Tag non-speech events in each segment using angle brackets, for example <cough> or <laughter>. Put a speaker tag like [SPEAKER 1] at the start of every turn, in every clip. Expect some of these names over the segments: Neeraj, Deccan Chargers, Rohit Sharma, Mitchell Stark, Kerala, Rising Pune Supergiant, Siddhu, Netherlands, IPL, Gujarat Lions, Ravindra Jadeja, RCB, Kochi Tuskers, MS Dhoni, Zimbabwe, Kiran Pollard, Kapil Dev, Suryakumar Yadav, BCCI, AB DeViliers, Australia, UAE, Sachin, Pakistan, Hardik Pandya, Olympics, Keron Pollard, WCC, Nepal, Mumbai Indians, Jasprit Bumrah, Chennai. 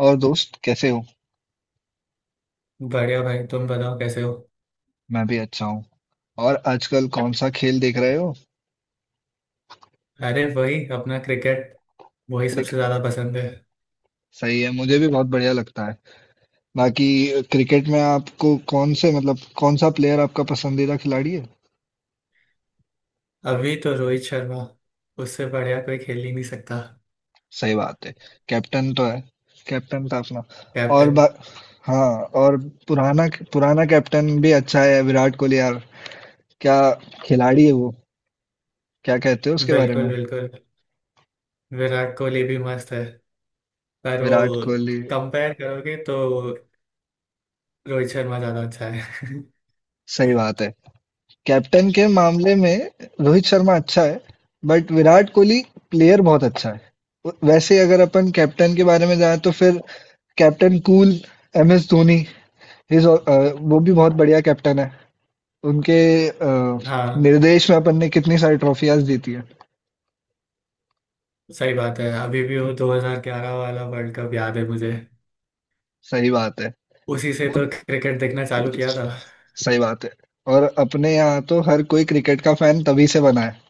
[SPEAKER 1] और दोस्त कैसे हो।
[SPEAKER 2] बढ़िया भाई तुम बताओ कैसे हो।
[SPEAKER 1] मैं भी अच्छा हूँ। और आजकल कौन सा खेल देख रहे हो?
[SPEAKER 2] अरे वही अपना क्रिकेट वही सबसे
[SPEAKER 1] क्रिकेट।
[SPEAKER 2] ज्यादा पसंद है।
[SPEAKER 1] सही है, मुझे भी बहुत बढ़िया लगता है। बाकी क्रिकेट में आपको कौन से मतलब कौन सा प्लेयर आपका पसंदीदा खिलाड़ी है?
[SPEAKER 2] अभी तो रोहित शर्मा, उससे बढ़िया कोई खेल ही नहीं सकता।
[SPEAKER 1] सही बात है। कैप्टन तो है, कैप्टन था अपना। और
[SPEAKER 2] कैप्टन।
[SPEAKER 1] हाँ। और पुराना पुराना कैप्टन भी अच्छा है, विराट कोहली यार। क्या खिलाड़ी है वो! क्या कहते हो उसके बारे
[SPEAKER 2] बिल्कुल
[SPEAKER 1] में?
[SPEAKER 2] बिल्कुल, विराट कोहली भी मस्त है पर वो,
[SPEAKER 1] विराट कोहली।
[SPEAKER 2] कंपेयर करोगे तो रोहित शर्मा ज्यादा अच्छा है।
[SPEAKER 1] सही बात है। कैप्टन के मामले में रोहित शर्मा अच्छा है, बट विराट कोहली प्लेयर बहुत अच्छा है। वैसे अगर अपन कैप्टन के बारे में जाएं तो फिर captain cool M S Dhoni, वो भी बहुत बढ़िया कैप्टन है। उनके अ,
[SPEAKER 2] <laughs> हाँ
[SPEAKER 1] निर्देश में अपन ने कितनी सारी ट्रॉफियां जीती है।
[SPEAKER 2] सही बात है, अभी भी वो 2011 वाला वर्ल्ड कप याद है मुझे।
[SPEAKER 1] सही बात है।
[SPEAKER 2] उसी से तो
[SPEAKER 1] बहुत
[SPEAKER 2] क्रिकेट देखना चालू किया था।
[SPEAKER 1] सही बात है। और अपने यहाँ तो हर कोई क्रिकेट का फैन तभी से बना है।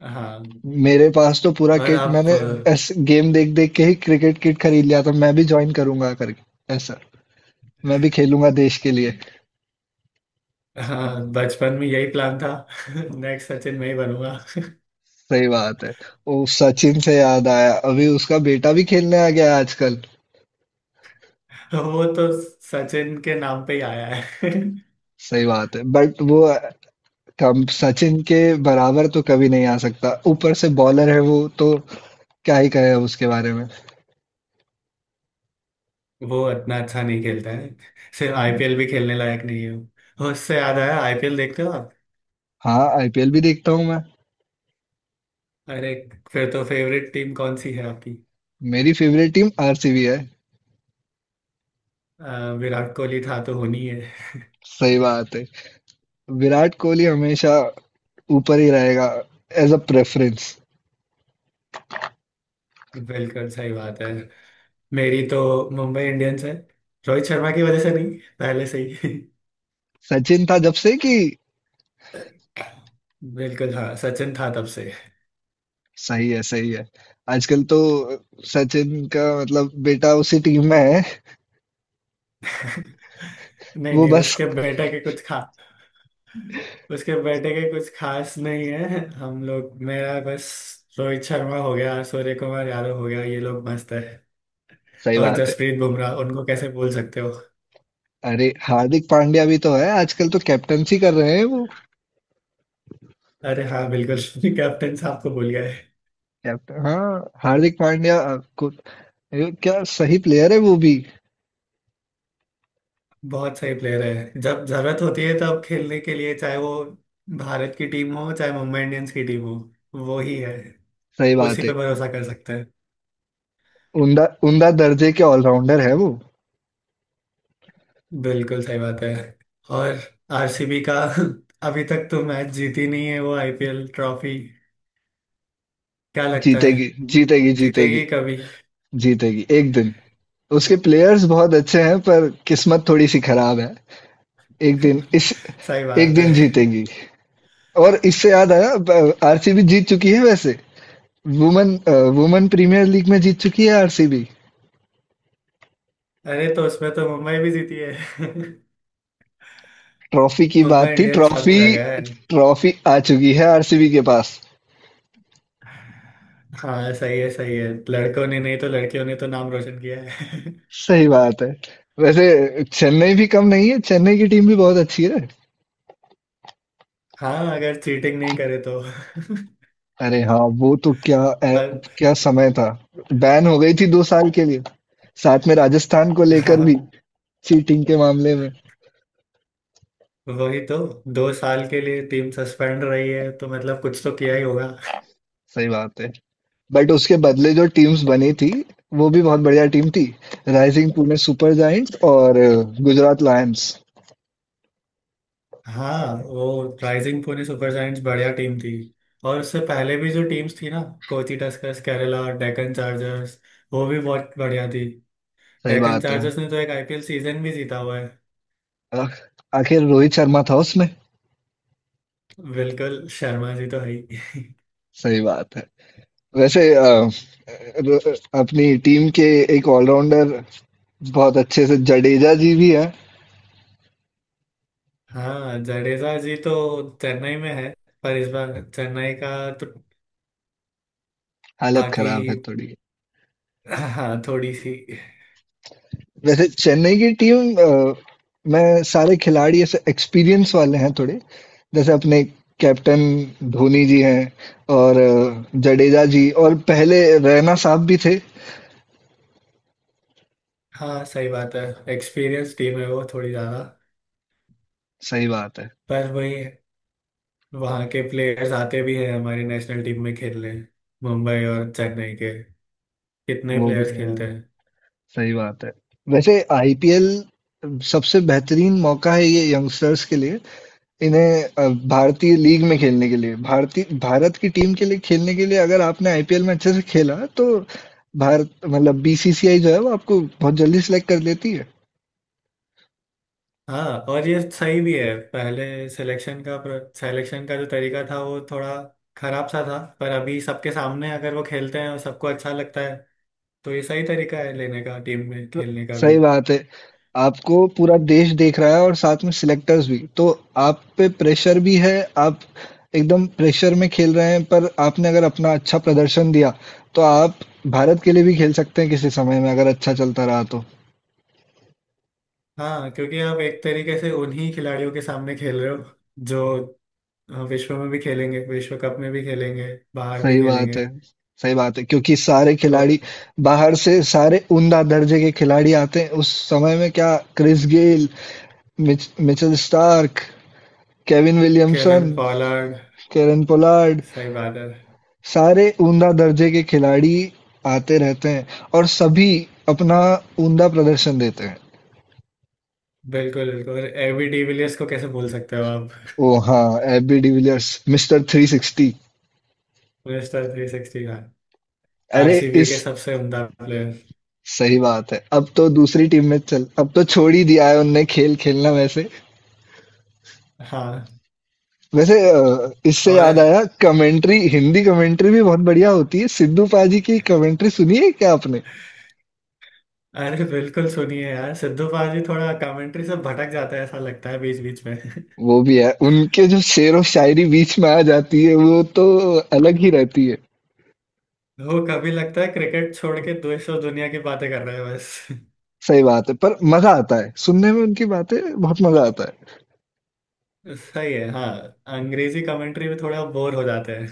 [SPEAKER 2] हाँ
[SPEAKER 1] मेरे पास तो पूरा
[SPEAKER 2] और
[SPEAKER 1] किट,
[SPEAKER 2] आप।
[SPEAKER 1] मैंने ऐसे गेम देख देख के ही क्रिकेट किट खरीद लिया था, मैं भी ज्वाइन करूंगा करके ऐसा, मैं भी खेलूंगा देश के लिए।
[SPEAKER 2] हाँ बचपन में यही प्लान था। <laughs> नेक्स्ट सचिन मैं ही बनूंगा। <laughs>
[SPEAKER 1] सही बात है। ओ सचिन से याद आया, अभी उसका बेटा भी खेलने आ गया है आजकल।
[SPEAKER 2] वो तो सचिन के नाम पे ही आया है। <laughs>
[SPEAKER 1] सही बात है, बट वो कम, सचिन के बराबर तो कभी नहीं आ सकता, ऊपर से बॉलर है वो तो। क्या ही कहे अब उसके बारे में।
[SPEAKER 2] वो इतना अच्छा नहीं खेलता है। सिर्फ
[SPEAKER 1] हम्म।
[SPEAKER 2] आईपीएल भी खेलने लायक नहीं है वो। उससे याद आया, आईपीएल देखते हो आप।
[SPEAKER 1] हाँ, आईपीएल भी देखता हूँ मैं।
[SPEAKER 2] अरे फिर तो फेवरेट टीम कौन सी है आपकी।
[SPEAKER 1] मेरी फेवरेट टीम आरसीबी है।
[SPEAKER 2] विराट कोहली था तो होनी है।
[SPEAKER 1] सही बात है। विराट कोहली हमेशा ऊपर ही रहेगा एज अ प्रेफरेंस।
[SPEAKER 2] बिल्कुल सही बात है। मेरी तो मुंबई इंडियंस है। रोहित शर्मा की वजह से नहीं, पहले से ही। <laughs>
[SPEAKER 1] सचिन था जब से कि।
[SPEAKER 2] बिल्कुल हाँ, सचिन था तब से।
[SPEAKER 1] सही है, सही है। आजकल तो सचिन का मतलब बेटा उसी टीम में है।
[SPEAKER 2] नहीं
[SPEAKER 1] वो
[SPEAKER 2] नहीं
[SPEAKER 1] बस।
[SPEAKER 2] उसके बेटे के कुछ खा उसके बेटे के कुछ खास नहीं है। हम लोग, मेरा बस रोहित शर्मा हो गया, सूर्य कुमार यादव हो गया, ये लोग मस्त है।
[SPEAKER 1] सही
[SPEAKER 2] और
[SPEAKER 1] बात है।
[SPEAKER 2] जसप्रीत बुमराह, उनको कैसे भूल सकते हो।
[SPEAKER 1] अरे हार्दिक पांड्या भी तो है, आजकल तो कैप्टनसी कर रहे हैं वो।
[SPEAKER 2] अरे हाँ बिल्कुल <laughs> कैप्टन साहब को भूल गए।
[SPEAKER 1] कैप्टन, हाँ, हार्दिक पांड्या को। ये क्या सही प्लेयर है वो भी।
[SPEAKER 2] बहुत सही प्लेयर है, जब जरूरत होती है तब खेलने के लिए, चाहे वो भारत की टीम हो चाहे मुंबई इंडियंस की टीम हो, वो ही है।
[SPEAKER 1] सही
[SPEAKER 2] उसी
[SPEAKER 1] बात है।
[SPEAKER 2] पे भरोसा कर सकते हैं।
[SPEAKER 1] उमदा उमदा दर्जे के ऑलराउंडर है वो।
[SPEAKER 2] बिल्कुल सही बात है। और आरसीबी का <laughs> अभी तक तो मैच जीती नहीं है वो आईपीएल ट्रॉफी। क्या लगता है,
[SPEAKER 1] जीतेगी, जीतेगी, जीतेगी।
[SPEAKER 2] जीतेगी कभी।
[SPEAKER 1] जीतेगी एक दिन। उसके प्लेयर्स बहुत अच्छे हैं, पर किस्मत थोड़ी सी खराब है। एक दिन इस,
[SPEAKER 2] सही
[SPEAKER 1] एक
[SPEAKER 2] बात
[SPEAKER 1] दिन
[SPEAKER 2] है। <laughs>
[SPEAKER 1] जीतेगी। और इससे याद आया, आरसीबी जीत चुकी है वैसे। वुमेन वुमेन प्रीमियर लीग में जीत चुकी है आरसीबी।
[SPEAKER 2] अरे तो उसमें तो मुंबई भी जीती है। <laughs>
[SPEAKER 1] ट्रॉफी की
[SPEAKER 2] मुंबई
[SPEAKER 1] बात थी,
[SPEAKER 2] इंडियंस सब
[SPEAKER 1] ट्रॉफी।
[SPEAKER 2] जगह है।
[SPEAKER 1] ट्रॉफी आ चुकी है आरसीबी के पास।
[SPEAKER 2] हाँ सही है सही है, लड़कों ने नहीं तो लड़कियों ने तो नाम रोशन किया है।
[SPEAKER 1] सही बात है। वैसे चेन्नई भी कम नहीं है, चेन्नई की टीम भी बहुत अच्छी है।
[SPEAKER 2] <laughs> हाँ अगर चीटिंग नहीं करे तो। <laughs>
[SPEAKER 1] अरे हाँ, वो तो क्या
[SPEAKER 2] पर
[SPEAKER 1] क्या समय था। बैन हो गई थी 2 साल के लिए, साथ में राजस्थान को लेकर
[SPEAKER 2] हाँ,
[SPEAKER 1] भी, चीटिंग के मामले में।
[SPEAKER 2] वही तो, दो साल के लिए टीम सस्पेंड रही है तो मतलब कुछ तो किया ही होगा।
[SPEAKER 1] सही बात है। बट उसके बदले जो टीम्स बनी थी, वो भी बहुत बढ़िया टीम थी। राइजिंग पुणे सुपर जायंट्स और गुजरात लायंस।
[SPEAKER 2] हाँ वो राइजिंग पुणे सुपर जायंट्स बढ़िया टीम थी। और उससे पहले भी जो टीम्स थी ना, कोची टस्कर्स, केरला, डेक्कन चार्जर्स, वो भी बहुत बढ़िया थी।
[SPEAKER 1] सही
[SPEAKER 2] डेक्कन
[SPEAKER 1] बात है।
[SPEAKER 2] चार्जर्स ने तो एक आईपीएल सीजन भी जीता हुआ है।
[SPEAKER 1] अ, आखिर रोहित शर्मा था उसमें।
[SPEAKER 2] बिल्कुल शर्मा जी तो है ही। <laughs>
[SPEAKER 1] सही बात है। वैसे अपनी टीम के एक ऑलराउंडर बहुत अच्छे से जडेजा जी भी है।
[SPEAKER 2] हाँ जडेजा जी तो चेन्नई में है। पर इस बार चेन्नई का तो
[SPEAKER 1] हालत
[SPEAKER 2] बाकी,
[SPEAKER 1] खराब है थोड़ी।
[SPEAKER 2] हाँ थोड़ी सी।
[SPEAKER 1] वैसे चेन्नई की टीम में सारे खिलाड़ी ऐसे एक्सपीरियंस वाले हैं थोड़े। जैसे अपने कैप्टन धोनी जी हैं, और जडेजा जी, और पहले रैना साहब भी थे।
[SPEAKER 2] हाँ सही बात है, एक्सपीरियंस टीम है वो थोड़ी ज्यादा।
[SPEAKER 1] सही बात है।
[SPEAKER 2] पर वही, वहाँ के प्लेयर्स आते भी हैं हमारी नेशनल टीम में खेलने, मुंबई और चेन्नई के कितने
[SPEAKER 1] वो भी
[SPEAKER 2] प्लेयर्स
[SPEAKER 1] है।
[SPEAKER 2] खेलते।
[SPEAKER 1] सही बात है। वैसे आईपीएल सबसे बेहतरीन मौका है ये यंगस्टर्स के लिए। इन्हें भारतीय लीग में खेलने के लिए, भारत की टीम के लिए खेलने के लिए, अगर आपने आईपीएल में अच्छे से खेला तो भारत मतलब बीसीसीआई जो है वो आपको बहुत जल्दी सिलेक्ट कर लेती है।
[SPEAKER 2] हाँ और ये सही भी है। पहले सिलेक्शन का, सिलेक्शन का जो तरीका था वो थोड़ा खराब सा था, पर अभी सबके सामने अगर वो खेलते हैं और सबको अच्छा लगता है तो ये सही तरीका है लेने का, टीम में खेलने का भी।
[SPEAKER 1] सही बात है। आपको पूरा देश देख रहा है, और साथ में सिलेक्टर्स भी, तो आप पे प्रेशर भी है। आप एकदम प्रेशर में खेल रहे हैं, पर आपने अगर अपना अच्छा प्रदर्शन दिया तो आप भारत के लिए भी खेल सकते हैं किसी समय में, अगर अच्छा चलता रहा तो।
[SPEAKER 2] हाँ क्योंकि आप एक तरीके से उन्हीं खिलाड़ियों के सामने खेल रहे हो जो विश्व में भी खेलेंगे, विश्व कप में भी खेलेंगे, बाहर भी
[SPEAKER 1] सही बात
[SPEAKER 2] खेलेंगे
[SPEAKER 1] है, सही बात है। क्योंकि सारे
[SPEAKER 2] तो।
[SPEAKER 1] खिलाड़ी बाहर से, सारे उम्दा दर्जे के खिलाड़ी आते हैं। उस समय में क्या क्रिस गेल, Mitchell Starc, Kevin
[SPEAKER 2] Kieron
[SPEAKER 1] Williamson,
[SPEAKER 2] Pollard.
[SPEAKER 1] Kieron Pollard,
[SPEAKER 2] सही बात है।
[SPEAKER 1] सारे उम्दा दर्जे के खिलाड़ी आते रहते हैं और सभी अपना उम्दा प्रदर्शन देते हैं।
[SPEAKER 2] बिल्कुल बिल्कुल, एबी डिविलियर्स को कैसे भूल सकते हो आप।
[SPEAKER 1] ओह! हाँ, AB de Villiers mister 360।
[SPEAKER 2] <laughs> Mister three sixty,
[SPEAKER 1] अरे
[SPEAKER 2] आरसीबी
[SPEAKER 1] इस
[SPEAKER 2] के सबसे उम्दा प्लेयर।
[SPEAKER 1] सही बात है। अब तो दूसरी टीम में चल, अब तो छोड़ ही दिया है उनने खेल खेलना वैसे।
[SPEAKER 2] हाँ
[SPEAKER 1] वैसे इससे
[SPEAKER 2] और,
[SPEAKER 1] याद आया, कमेंट्री, हिंदी कमेंट्री भी बहुत बढ़िया होती है। सिद्धू पाजी की कमेंट्री सुनी है क्या आपने?
[SPEAKER 2] अरे बिल्कुल सुनिए यार, सिद्धू पाजी थोड़ा कमेंट्री से भटक जाता है ऐसा लगता है बीच बीच में। <laughs>
[SPEAKER 1] वो भी है, उनके जो शेर और शायरी बीच में आ जाती है वो तो अलग ही रहती है।
[SPEAKER 2] वो कभी लगता है क्रिकेट छोड़ के दूसरों दुनिया की बातें कर रहे हैं बस। <laughs>
[SPEAKER 1] सही बात है, पर मजा आता है सुनने में उनकी बातें, बहुत मजा आता है।
[SPEAKER 2] सही है हाँ, अंग्रेजी कमेंट्री में थोड़ा बोर हो जाते हैं।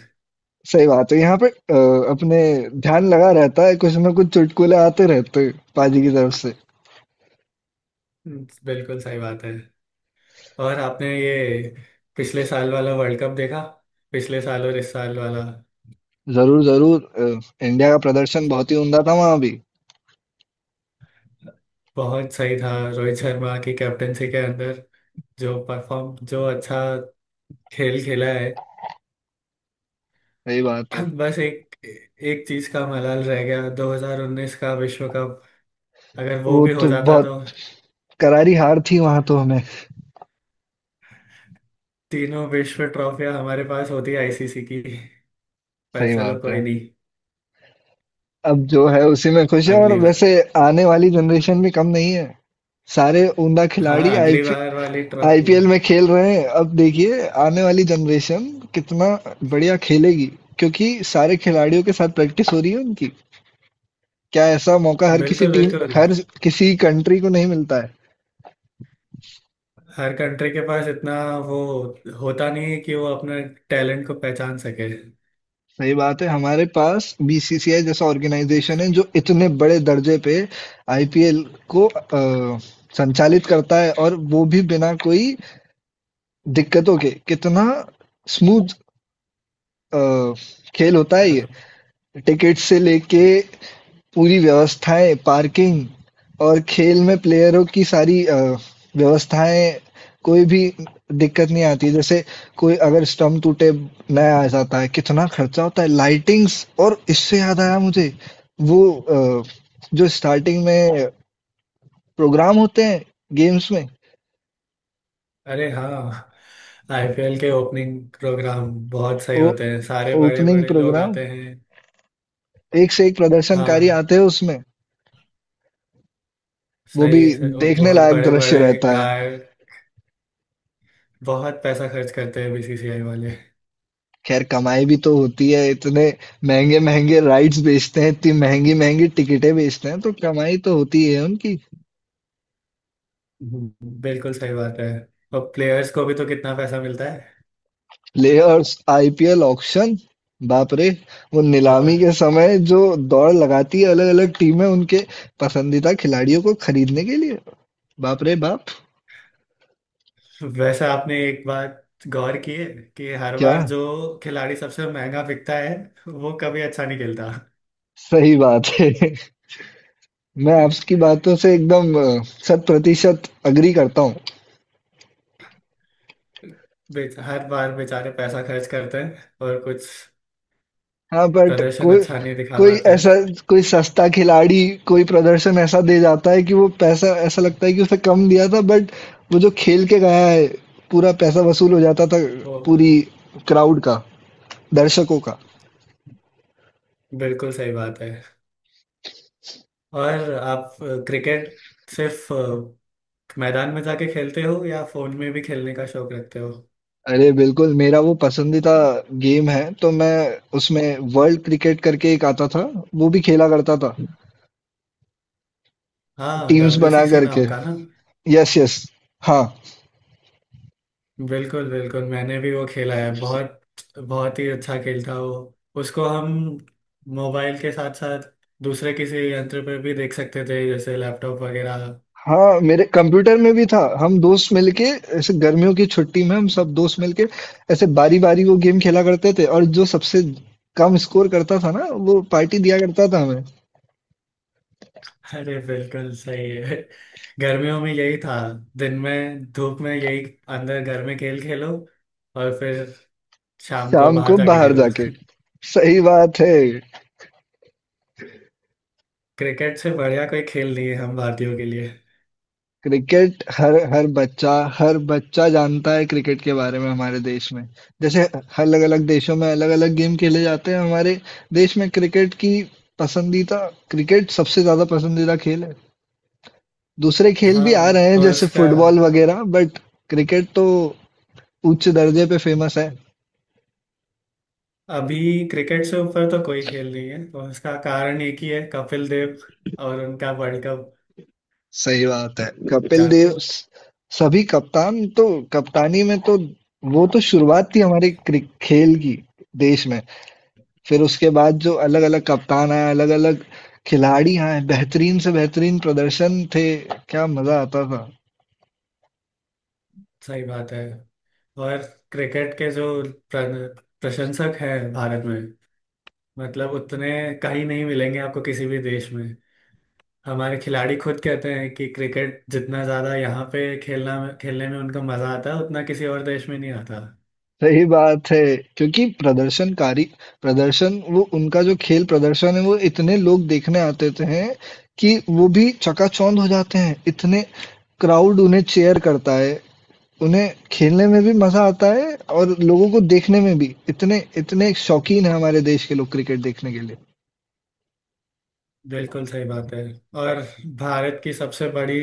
[SPEAKER 1] सही बात है, यहाँ पे अपने ध्यान लगा रहता है, कुछ ना कुछ चुटकुले आते रहते हैं पाजी की तरफ से।
[SPEAKER 2] <laughs> बिल्कुल सही बात है। और आपने ये पिछले साल वाला वर्ल्ड कप देखा, पिछले साल और इस साल वाला।
[SPEAKER 1] जरूर जरूर। इंडिया का प्रदर्शन बहुत ही उमदा था वहां भी।
[SPEAKER 2] बहुत सही था, रोहित शर्मा की कैप्टनसी के अंदर जो परफॉर्म, जो अच्छा खेल खेला है।
[SPEAKER 1] सही बात है।
[SPEAKER 2] बस एक एक चीज का मलाल रह गया, 2019 का विश्व कप अगर वो
[SPEAKER 1] वो
[SPEAKER 2] भी हो
[SPEAKER 1] तो
[SPEAKER 2] जाता
[SPEAKER 1] बहुत
[SPEAKER 2] तो
[SPEAKER 1] करारी हार थी वहां तो हमें।
[SPEAKER 2] तीनों विश्व ट्रॉफियां हमारे पास होती आईसीसी की। पर
[SPEAKER 1] सही
[SPEAKER 2] चलो
[SPEAKER 1] बात है,
[SPEAKER 2] कोई नहीं,
[SPEAKER 1] अब जो है उसी में खुश है, और
[SPEAKER 2] अगली बार।
[SPEAKER 1] वैसे आने वाली जनरेशन भी कम नहीं है। सारे उमदा
[SPEAKER 2] हाँ
[SPEAKER 1] खिलाड़ी
[SPEAKER 2] अगली बार वाली ट्रॉफी।
[SPEAKER 1] आईपीएल में खेल रहे हैं, अब देखिए आने वाली जनरेशन कितना बढ़िया खेलेगी क्योंकि सारे खिलाड़ियों के साथ प्रैक्टिस हो रही है उनकी। क्या ऐसा मौका हर किसी
[SPEAKER 2] बिल्कुल
[SPEAKER 1] टीम,
[SPEAKER 2] बिल्कुल,
[SPEAKER 1] हर किसी कंट्री को नहीं मिलता है।
[SPEAKER 2] हर कंट्री के पास इतना वो होता नहीं है कि वो अपने टैलेंट को पहचान सके।
[SPEAKER 1] सही बात है, हमारे पास बीसीसीआई जैसा ऑर्गेनाइजेशन है जो इतने बड़े दर्जे पे आईपीएल को अ, संचालित करता है, और वो भी बिना कोई दिक्कतों के, कितना स्मूथ अ, खेल होता है
[SPEAKER 2] हाँ।
[SPEAKER 1] ये। टिकट से लेके पूरी व्यवस्थाएं, पार्किंग, और खेल में प्लेयरों की सारी व्यवस्थाएं, कोई भी दिक्कत नहीं आती। जैसे कोई अगर स्टंप टूटे, नया आ जाता है। कितना खर्चा होता है लाइटिंग्स, और इससे याद आया मुझे वो जो स्टार्टिंग में प्रोग्राम होते हैं गेम्स में,
[SPEAKER 2] अरे हाँ, आईपीएल के ओपनिंग प्रोग्राम बहुत सही
[SPEAKER 1] वो
[SPEAKER 2] होते हैं, सारे बड़े
[SPEAKER 1] ओपनिंग
[SPEAKER 2] बड़े लोग
[SPEAKER 1] प्रोग्राम,
[SPEAKER 2] आते हैं।
[SPEAKER 1] एक से एक प्रदर्शनकारी
[SPEAKER 2] हाँ
[SPEAKER 1] आते हैं उसमें। वो भी
[SPEAKER 2] सही है सर, वो
[SPEAKER 1] देखने
[SPEAKER 2] बहुत
[SPEAKER 1] लायक
[SPEAKER 2] बड़े
[SPEAKER 1] दृश्य
[SPEAKER 2] बड़े
[SPEAKER 1] रहता है।
[SPEAKER 2] गाय। बहुत पैसा खर्च करते हैं बीसीसीआई वाले।
[SPEAKER 1] ख़ैर कमाई भी तो होती है, इतने महँगे-महँगे राइड्स बेचते हैं, इतनी महँगी-महँगी टिकटें बेचते हैं, तो कमाई तो होती है उनकी।
[SPEAKER 2] हम्म। बिल्कुल सही बात है। और प्लेयर्स को भी तो कितना पैसा मिलता है।
[SPEAKER 1] प्लेयर्स, आईपीएल ऑक्शन, बाप रे! वो नीलामी
[SPEAKER 2] और
[SPEAKER 1] के समय जो दौड़ लगाती है अलग-अलग टीमें उनके पसंदीदा खिलाड़ियों को खरीदने के लिए, बाप रे बाप!
[SPEAKER 2] वैसे आपने एक बात गौर की है कि हर
[SPEAKER 1] क्या
[SPEAKER 2] बार जो खिलाड़ी सबसे महंगा बिकता है वो कभी अच्छा नहीं खेलता।
[SPEAKER 1] सही बात है। <laughs> मैं आपकी
[SPEAKER 2] <laughs>
[SPEAKER 1] बातों से एकदम शत प्रतिशत एग्री करता हूँ।
[SPEAKER 2] हर बार बेचारे पैसा खर्च करते हैं और कुछ
[SPEAKER 1] हाँ बट
[SPEAKER 2] प्रदर्शन
[SPEAKER 1] कोई,
[SPEAKER 2] अच्छा नहीं दिखा
[SPEAKER 1] कोई
[SPEAKER 2] पाते हैं
[SPEAKER 1] ऐसा, कोई सस्ता खिलाड़ी कोई प्रदर्शन ऐसा दे जाता है कि वो पैसा ऐसा लगता है कि उसे कम दिया था, बट वो जो खेल के गया है पूरा पैसा वसूल हो जाता था,
[SPEAKER 2] वो।
[SPEAKER 1] पूरी क्राउड का दर्शकों का।
[SPEAKER 2] बिल्कुल सही बात है। और आप क्रिकेट सिर्फ मैदान में जाके खेलते हो या फोन में भी खेलने का शौक रखते हो।
[SPEAKER 1] अरे बिल्कुल, मेरा वो पसंदीदा गेम है, तो मैं उसमें वर्ल्ड क्रिकेट करके एक आता था वो भी खेला करता था
[SPEAKER 2] हाँ
[SPEAKER 1] टीम्स बना
[SPEAKER 2] डब्ल्यूसीसी
[SPEAKER 1] करके।
[SPEAKER 2] नाम का ना।
[SPEAKER 1] यस यस, हाँ
[SPEAKER 2] बिल्कुल बिल्कुल मैंने भी वो खेला है बहुत, बहुत ही अच्छा खेल था वो। उसको हम मोबाइल के साथ साथ दूसरे किसी यंत्र पर भी देख सकते थे जैसे लैपटॉप वगैरह।
[SPEAKER 1] हाँ। मेरे कंप्यूटर में भी था, हम दोस्त मिलके ऐसे गर्मियों की छुट्टी में, हम सब दोस्त मिलके ऐसे बारी बारी वो गेम खेला करते थे, और जो सबसे कम स्कोर करता था ना वो पार्टी दिया करता था हमें।
[SPEAKER 2] अरे बिल्कुल सही है, गर्मियों में यही था, दिन में धूप में यही अंदर घर में खेल खेलो और फिर शाम को
[SPEAKER 1] शाम
[SPEAKER 2] बाहर
[SPEAKER 1] को
[SPEAKER 2] जाके
[SPEAKER 1] बाहर
[SPEAKER 2] खेलो।
[SPEAKER 1] जाके सही बात है।
[SPEAKER 2] क्रिकेट से बढ़िया कोई खेल नहीं है हम भारतीयों के लिए।
[SPEAKER 1] क्रिकेट, हर हर बच्चा, हर बच्चा जानता है क्रिकेट के बारे में हमारे देश में। जैसे अलग अलग देशों में अलग अलग गेम खेले जाते हैं, हमारे देश में क्रिकेट की पसंदीदा, क्रिकेट सबसे ज्यादा पसंदीदा खेल है। दूसरे खेल भी आ
[SPEAKER 2] हाँ
[SPEAKER 1] रहे हैं
[SPEAKER 2] और
[SPEAKER 1] जैसे
[SPEAKER 2] उसका,
[SPEAKER 1] फुटबॉल वगैरह, बट क्रिकेट तो उच्च दर्जे पे फेमस है।
[SPEAKER 2] अभी क्रिकेट से ऊपर तो कोई खेल नहीं है और उसका कारण एक ही है, कपिल देव और उनका वर्ल्ड कप,
[SPEAKER 1] सही बात है। कपिल देव
[SPEAKER 2] जानते हो।
[SPEAKER 1] सभी कप्तान तो, कप्तानी में तो वो तो शुरुआत थी हमारे खेल की देश में। फिर उसके बाद जो अलग अलग कप्तान आए, अलग अलग खिलाड़ी आए, बेहतरीन से बेहतरीन प्रदर्शन थे, क्या मजा आता था।
[SPEAKER 2] सही बात है। और क्रिकेट के जो प्रशंसक हैं भारत में, मतलब उतने कहीं नहीं मिलेंगे आपको किसी भी देश में। हमारे खिलाड़ी खुद कहते हैं कि क्रिकेट जितना ज्यादा यहाँ पे खेलना, खेलने में उनको मजा आता है उतना किसी और देश में नहीं आता।
[SPEAKER 1] सही बात है, क्योंकि प्रदर्शन, वो उनका जो खेल प्रदर्शन है, वो इतने लोग देखने आते थे हैं कि वो भी चकाचौंध हो जाते हैं इतने। क्राउड उन्हें चेयर करता है, उन्हें खेलने में भी मजा आता है, और लोगों को देखने में भी इतने इतने शौकीन है हमारे देश के लोग क्रिकेट देखने के लिए।
[SPEAKER 2] बिल्कुल सही बात है। और भारत की सबसे बड़ी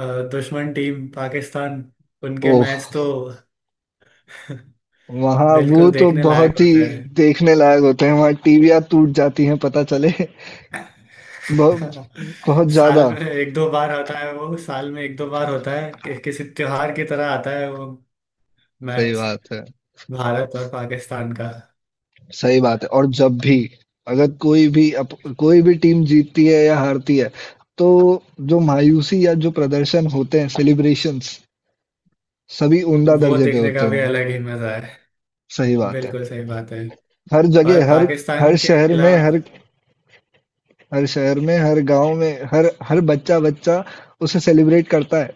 [SPEAKER 2] अ, दुश्मन टीम पाकिस्तान, उनके
[SPEAKER 1] ओह।
[SPEAKER 2] मैच तो <laughs>
[SPEAKER 1] वहाँ वो
[SPEAKER 2] बिल्कुल
[SPEAKER 1] तो
[SPEAKER 2] देखने लायक
[SPEAKER 1] बहुत ही
[SPEAKER 2] होते हैं।
[SPEAKER 1] देखने लायक होते हैं, वहाँ टीवियां टूट जाती हैं पता चले। <laughs> बहुत,
[SPEAKER 2] <laughs>
[SPEAKER 1] बहुत
[SPEAKER 2] साल
[SPEAKER 1] ज्यादा।
[SPEAKER 2] में एक दो बार आता है वो, साल में एक दो बार होता है कि किसी त्योहार की तरह आता है वो
[SPEAKER 1] सही
[SPEAKER 2] मैच,
[SPEAKER 1] बात है,
[SPEAKER 2] भारत और पाकिस्तान का।
[SPEAKER 1] सही बात है, और जब भी अगर कोई भी कोई भी टीम जीतती है या हारती है, तो जो मायूसी या जो प्रदर्शन होते हैं, सेलिब्रेशंस, सभी उम्दा
[SPEAKER 2] वो
[SPEAKER 1] दर्जे पे
[SPEAKER 2] देखने का
[SPEAKER 1] होते
[SPEAKER 2] भी
[SPEAKER 1] हैं।
[SPEAKER 2] अलग ही मजा है।
[SPEAKER 1] सही बात है।
[SPEAKER 2] बिल्कुल सही बात है।
[SPEAKER 1] हर
[SPEAKER 2] और
[SPEAKER 1] जगह, हर हर
[SPEAKER 2] पाकिस्तान के
[SPEAKER 1] शहर में,
[SPEAKER 2] खिलाफ,
[SPEAKER 1] हर गांव में, हर हर बच्चा बच्चा उसे सेलिब्रेट करता है।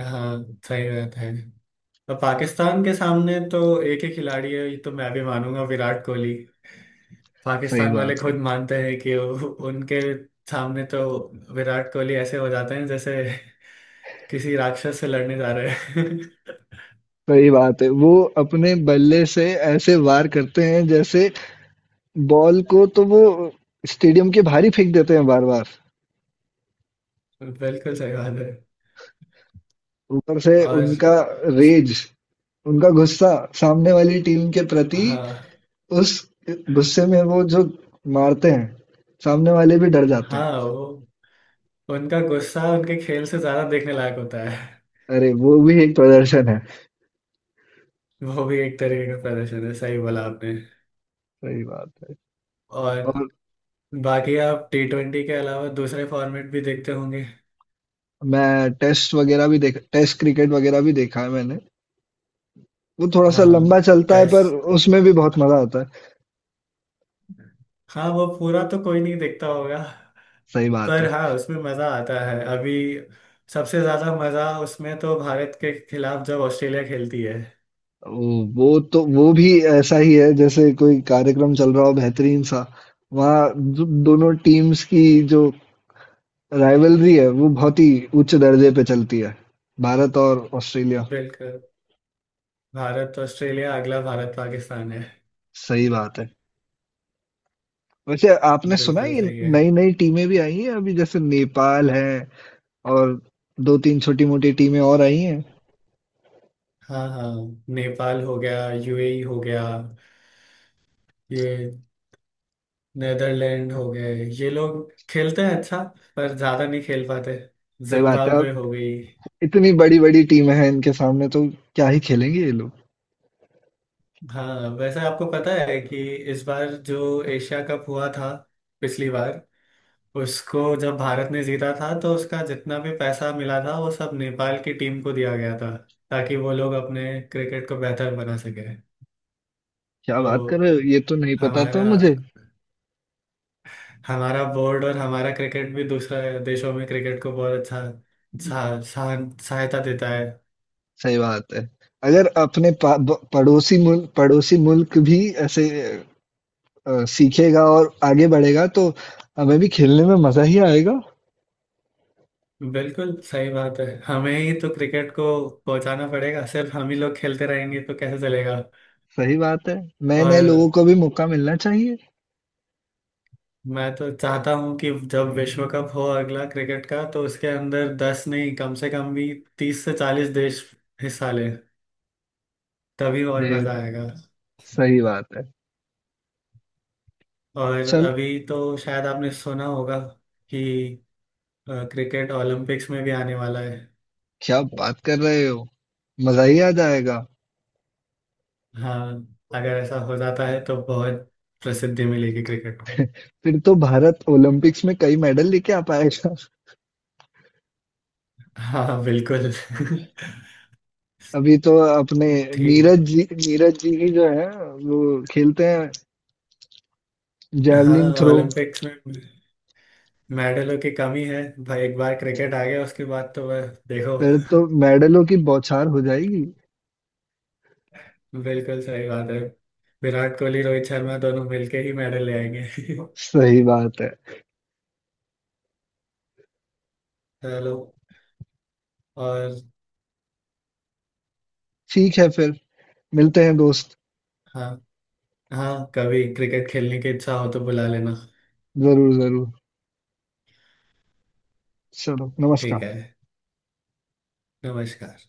[SPEAKER 2] हाँ सही बात है। और पाकिस्तान के सामने तो एक ही खिलाड़ी है, ये तो मैं भी मानूंगा, विराट कोहली।
[SPEAKER 1] सही
[SPEAKER 2] पाकिस्तान वाले
[SPEAKER 1] बात है,
[SPEAKER 2] खुद मानते हैं कि उनके सामने तो विराट कोहली ऐसे हो जाते हैं जैसे किसी राक्षस से लड़ने जा रहे हैं।
[SPEAKER 1] सही बात है। वो अपने बल्ले से ऐसे वार करते हैं जैसे बॉल को तो वो स्टेडियम के बाहर ही फेंक देते हैं बार बार।
[SPEAKER 2] <laughs> बिल्कुल सही बात है।
[SPEAKER 1] ऊपर से
[SPEAKER 2] और
[SPEAKER 1] उनका रेज, उनका गुस्सा सामने वाली टीम के प्रति,
[SPEAKER 2] हाँ,
[SPEAKER 1] उस गुस्से में वो जो मारते हैं, सामने वाले भी डर जाते हैं।
[SPEAKER 2] हाँ वो उनका गुस्सा उनके खेल से ज्यादा देखने लायक होता है।
[SPEAKER 1] अरे! वो भी एक प्रदर्शन है।
[SPEAKER 2] वो भी एक तरीके का प्रदर्शन है, सही बोला आपने।
[SPEAKER 1] सही बात है।
[SPEAKER 2] और
[SPEAKER 1] और
[SPEAKER 2] बाकी आप टी ट्वेंटी के अलावा दूसरे फॉर्मेट भी देखते होंगे।
[SPEAKER 1] मैं टेस्ट वगैरह भी देखा, टेस्ट क्रिकेट वगैरह भी देखा है मैंने। वो थोड़ा-सा लंबा
[SPEAKER 2] हाँ
[SPEAKER 1] चलता है पर
[SPEAKER 2] टेस्ट।
[SPEAKER 1] उसमें भी बहुत मज़ा आता है।
[SPEAKER 2] हाँ वो पूरा तो कोई नहीं देखता होगा।
[SPEAKER 1] सही बात
[SPEAKER 2] पर
[SPEAKER 1] है।
[SPEAKER 2] हाँ उसमें मजा आता है, अभी सबसे ज्यादा मजा उसमें तो, भारत के खिलाफ जब ऑस्ट्रेलिया खेलती है।
[SPEAKER 1] वो वो तो वो भी ऐसा ही है जैसे कोई कार्यक्रम चल रहा हो बेहतरीन सा, वहाँ दो दोनों टीम्स की जो राइवलरी है वो बहुत ही उच्च दर्जे पे चलती है, भारत और ऑस्ट्रेलिया।
[SPEAKER 2] बिल्कुल, भारत ऑस्ट्रेलिया, अगला भारत पाकिस्तान है।
[SPEAKER 1] सही बात है। वैसे आपने सुना है
[SPEAKER 2] बिल्कुल
[SPEAKER 1] ये
[SPEAKER 2] सही है।
[SPEAKER 1] नई नई टीमें भी आई हैं अभी, जैसे नेपाल है, और दो तीन छोटी मोटी टीमें और आई हैं।
[SPEAKER 2] हाँ हाँ, नेपाल हो गया, यूएई हो गया, ये नेदरलैंड हो गए, ये लोग खेलते हैं अच्छा, पर ज्यादा नहीं खेल पाते।
[SPEAKER 1] सही बात है। अब
[SPEAKER 2] जिम्बाब्वे हो गई।
[SPEAKER 1] इतनी बड़ी बड़ी टीमें हैं इनके सामने, तो क्या ही खेलेंगे ये लोग।
[SPEAKER 2] हाँ वैसे आपको पता है कि इस बार जो एशिया कप हुआ था पिछली बार, उसको जब भारत ने जीता था तो उसका जितना भी पैसा मिला था वो सब नेपाल की टीम को दिया गया था ताकि वो लोग अपने क्रिकेट को बेहतर बना सके।
[SPEAKER 1] क्या
[SPEAKER 2] तो
[SPEAKER 1] बात कर रहे हो, ये तो नहीं पता था
[SPEAKER 2] हमारा
[SPEAKER 1] मुझे।
[SPEAKER 2] हमारा बोर्ड और हमारा क्रिकेट भी दूसरे देशों में क्रिकेट को बहुत अच्छा सहा- सहा- सहायता देता है।
[SPEAKER 1] सही बात है, अगर अपने पड़ोसी मुल्क भी ऐसे सीखेगा और आगे बढ़ेगा तो हमें भी खेलने में मजा ही आएगा।
[SPEAKER 2] बिल्कुल सही बात है। हमें ही तो क्रिकेट को पहुंचाना पड़ेगा, सिर्फ हम ही लोग खेलते रहेंगे तो कैसे चलेगा।
[SPEAKER 1] सही बात है, नए नए
[SPEAKER 2] और
[SPEAKER 1] लोगों को भी मौका मिलना चाहिए।
[SPEAKER 2] मैं तो चाहता हूं कि जब विश्व कप हो अगला क्रिकेट का तो उसके अंदर दस नहीं कम से कम भी 30 से 40 देश हिस्सा लें, तभी और मजा
[SPEAKER 1] सही
[SPEAKER 2] आएगा।
[SPEAKER 1] सही बात है।
[SPEAKER 2] और
[SPEAKER 1] चल
[SPEAKER 2] अभी तो शायद आपने सुना होगा कि क्रिकेट ओलंपिक्स में भी आने वाला है।
[SPEAKER 1] क्या बात कर रहे हो, मजा ही आ जाएगा।
[SPEAKER 2] हाँ अगर ऐसा हो जाता है तो बहुत प्रसिद्धि मिलेगी क्रिकेट को।
[SPEAKER 1] फिर तो भारत ओलंपिक्स में कई मेडल लेके आ पाएगा।
[SPEAKER 2] हाँ हाँ, बिल्कुल। <laughs>
[SPEAKER 1] अभी तो अपने
[SPEAKER 2] ठीक है।
[SPEAKER 1] नीरज जी ही जो है वो खेलते हैं
[SPEAKER 2] हाँ
[SPEAKER 1] जैवलिन थ्रो।
[SPEAKER 2] ओलंपिक्स में मेडलों की कमी है भाई, एक बार क्रिकेट आ गया उसके बाद तो वह देखो।
[SPEAKER 1] फिर तो
[SPEAKER 2] <laughs>
[SPEAKER 1] मेडलों की बौछार हो जाएगी।
[SPEAKER 2] बिल्कुल सही बात है, विराट कोहली रोहित शर्मा दोनों मिलके ही मेडल ले आएंगे। <laughs>
[SPEAKER 1] सही बात है।
[SPEAKER 2] चलो और
[SPEAKER 1] ठीक है फिर, मिलते हैं दोस्त।
[SPEAKER 2] हाँ, हाँ कभी क्रिकेट खेलने की इच्छा हो तो बुला लेना।
[SPEAKER 1] जरूर जरूर। चलो,
[SPEAKER 2] ठीक
[SPEAKER 1] नमस्कार।
[SPEAKER 2] है, नमस्कार।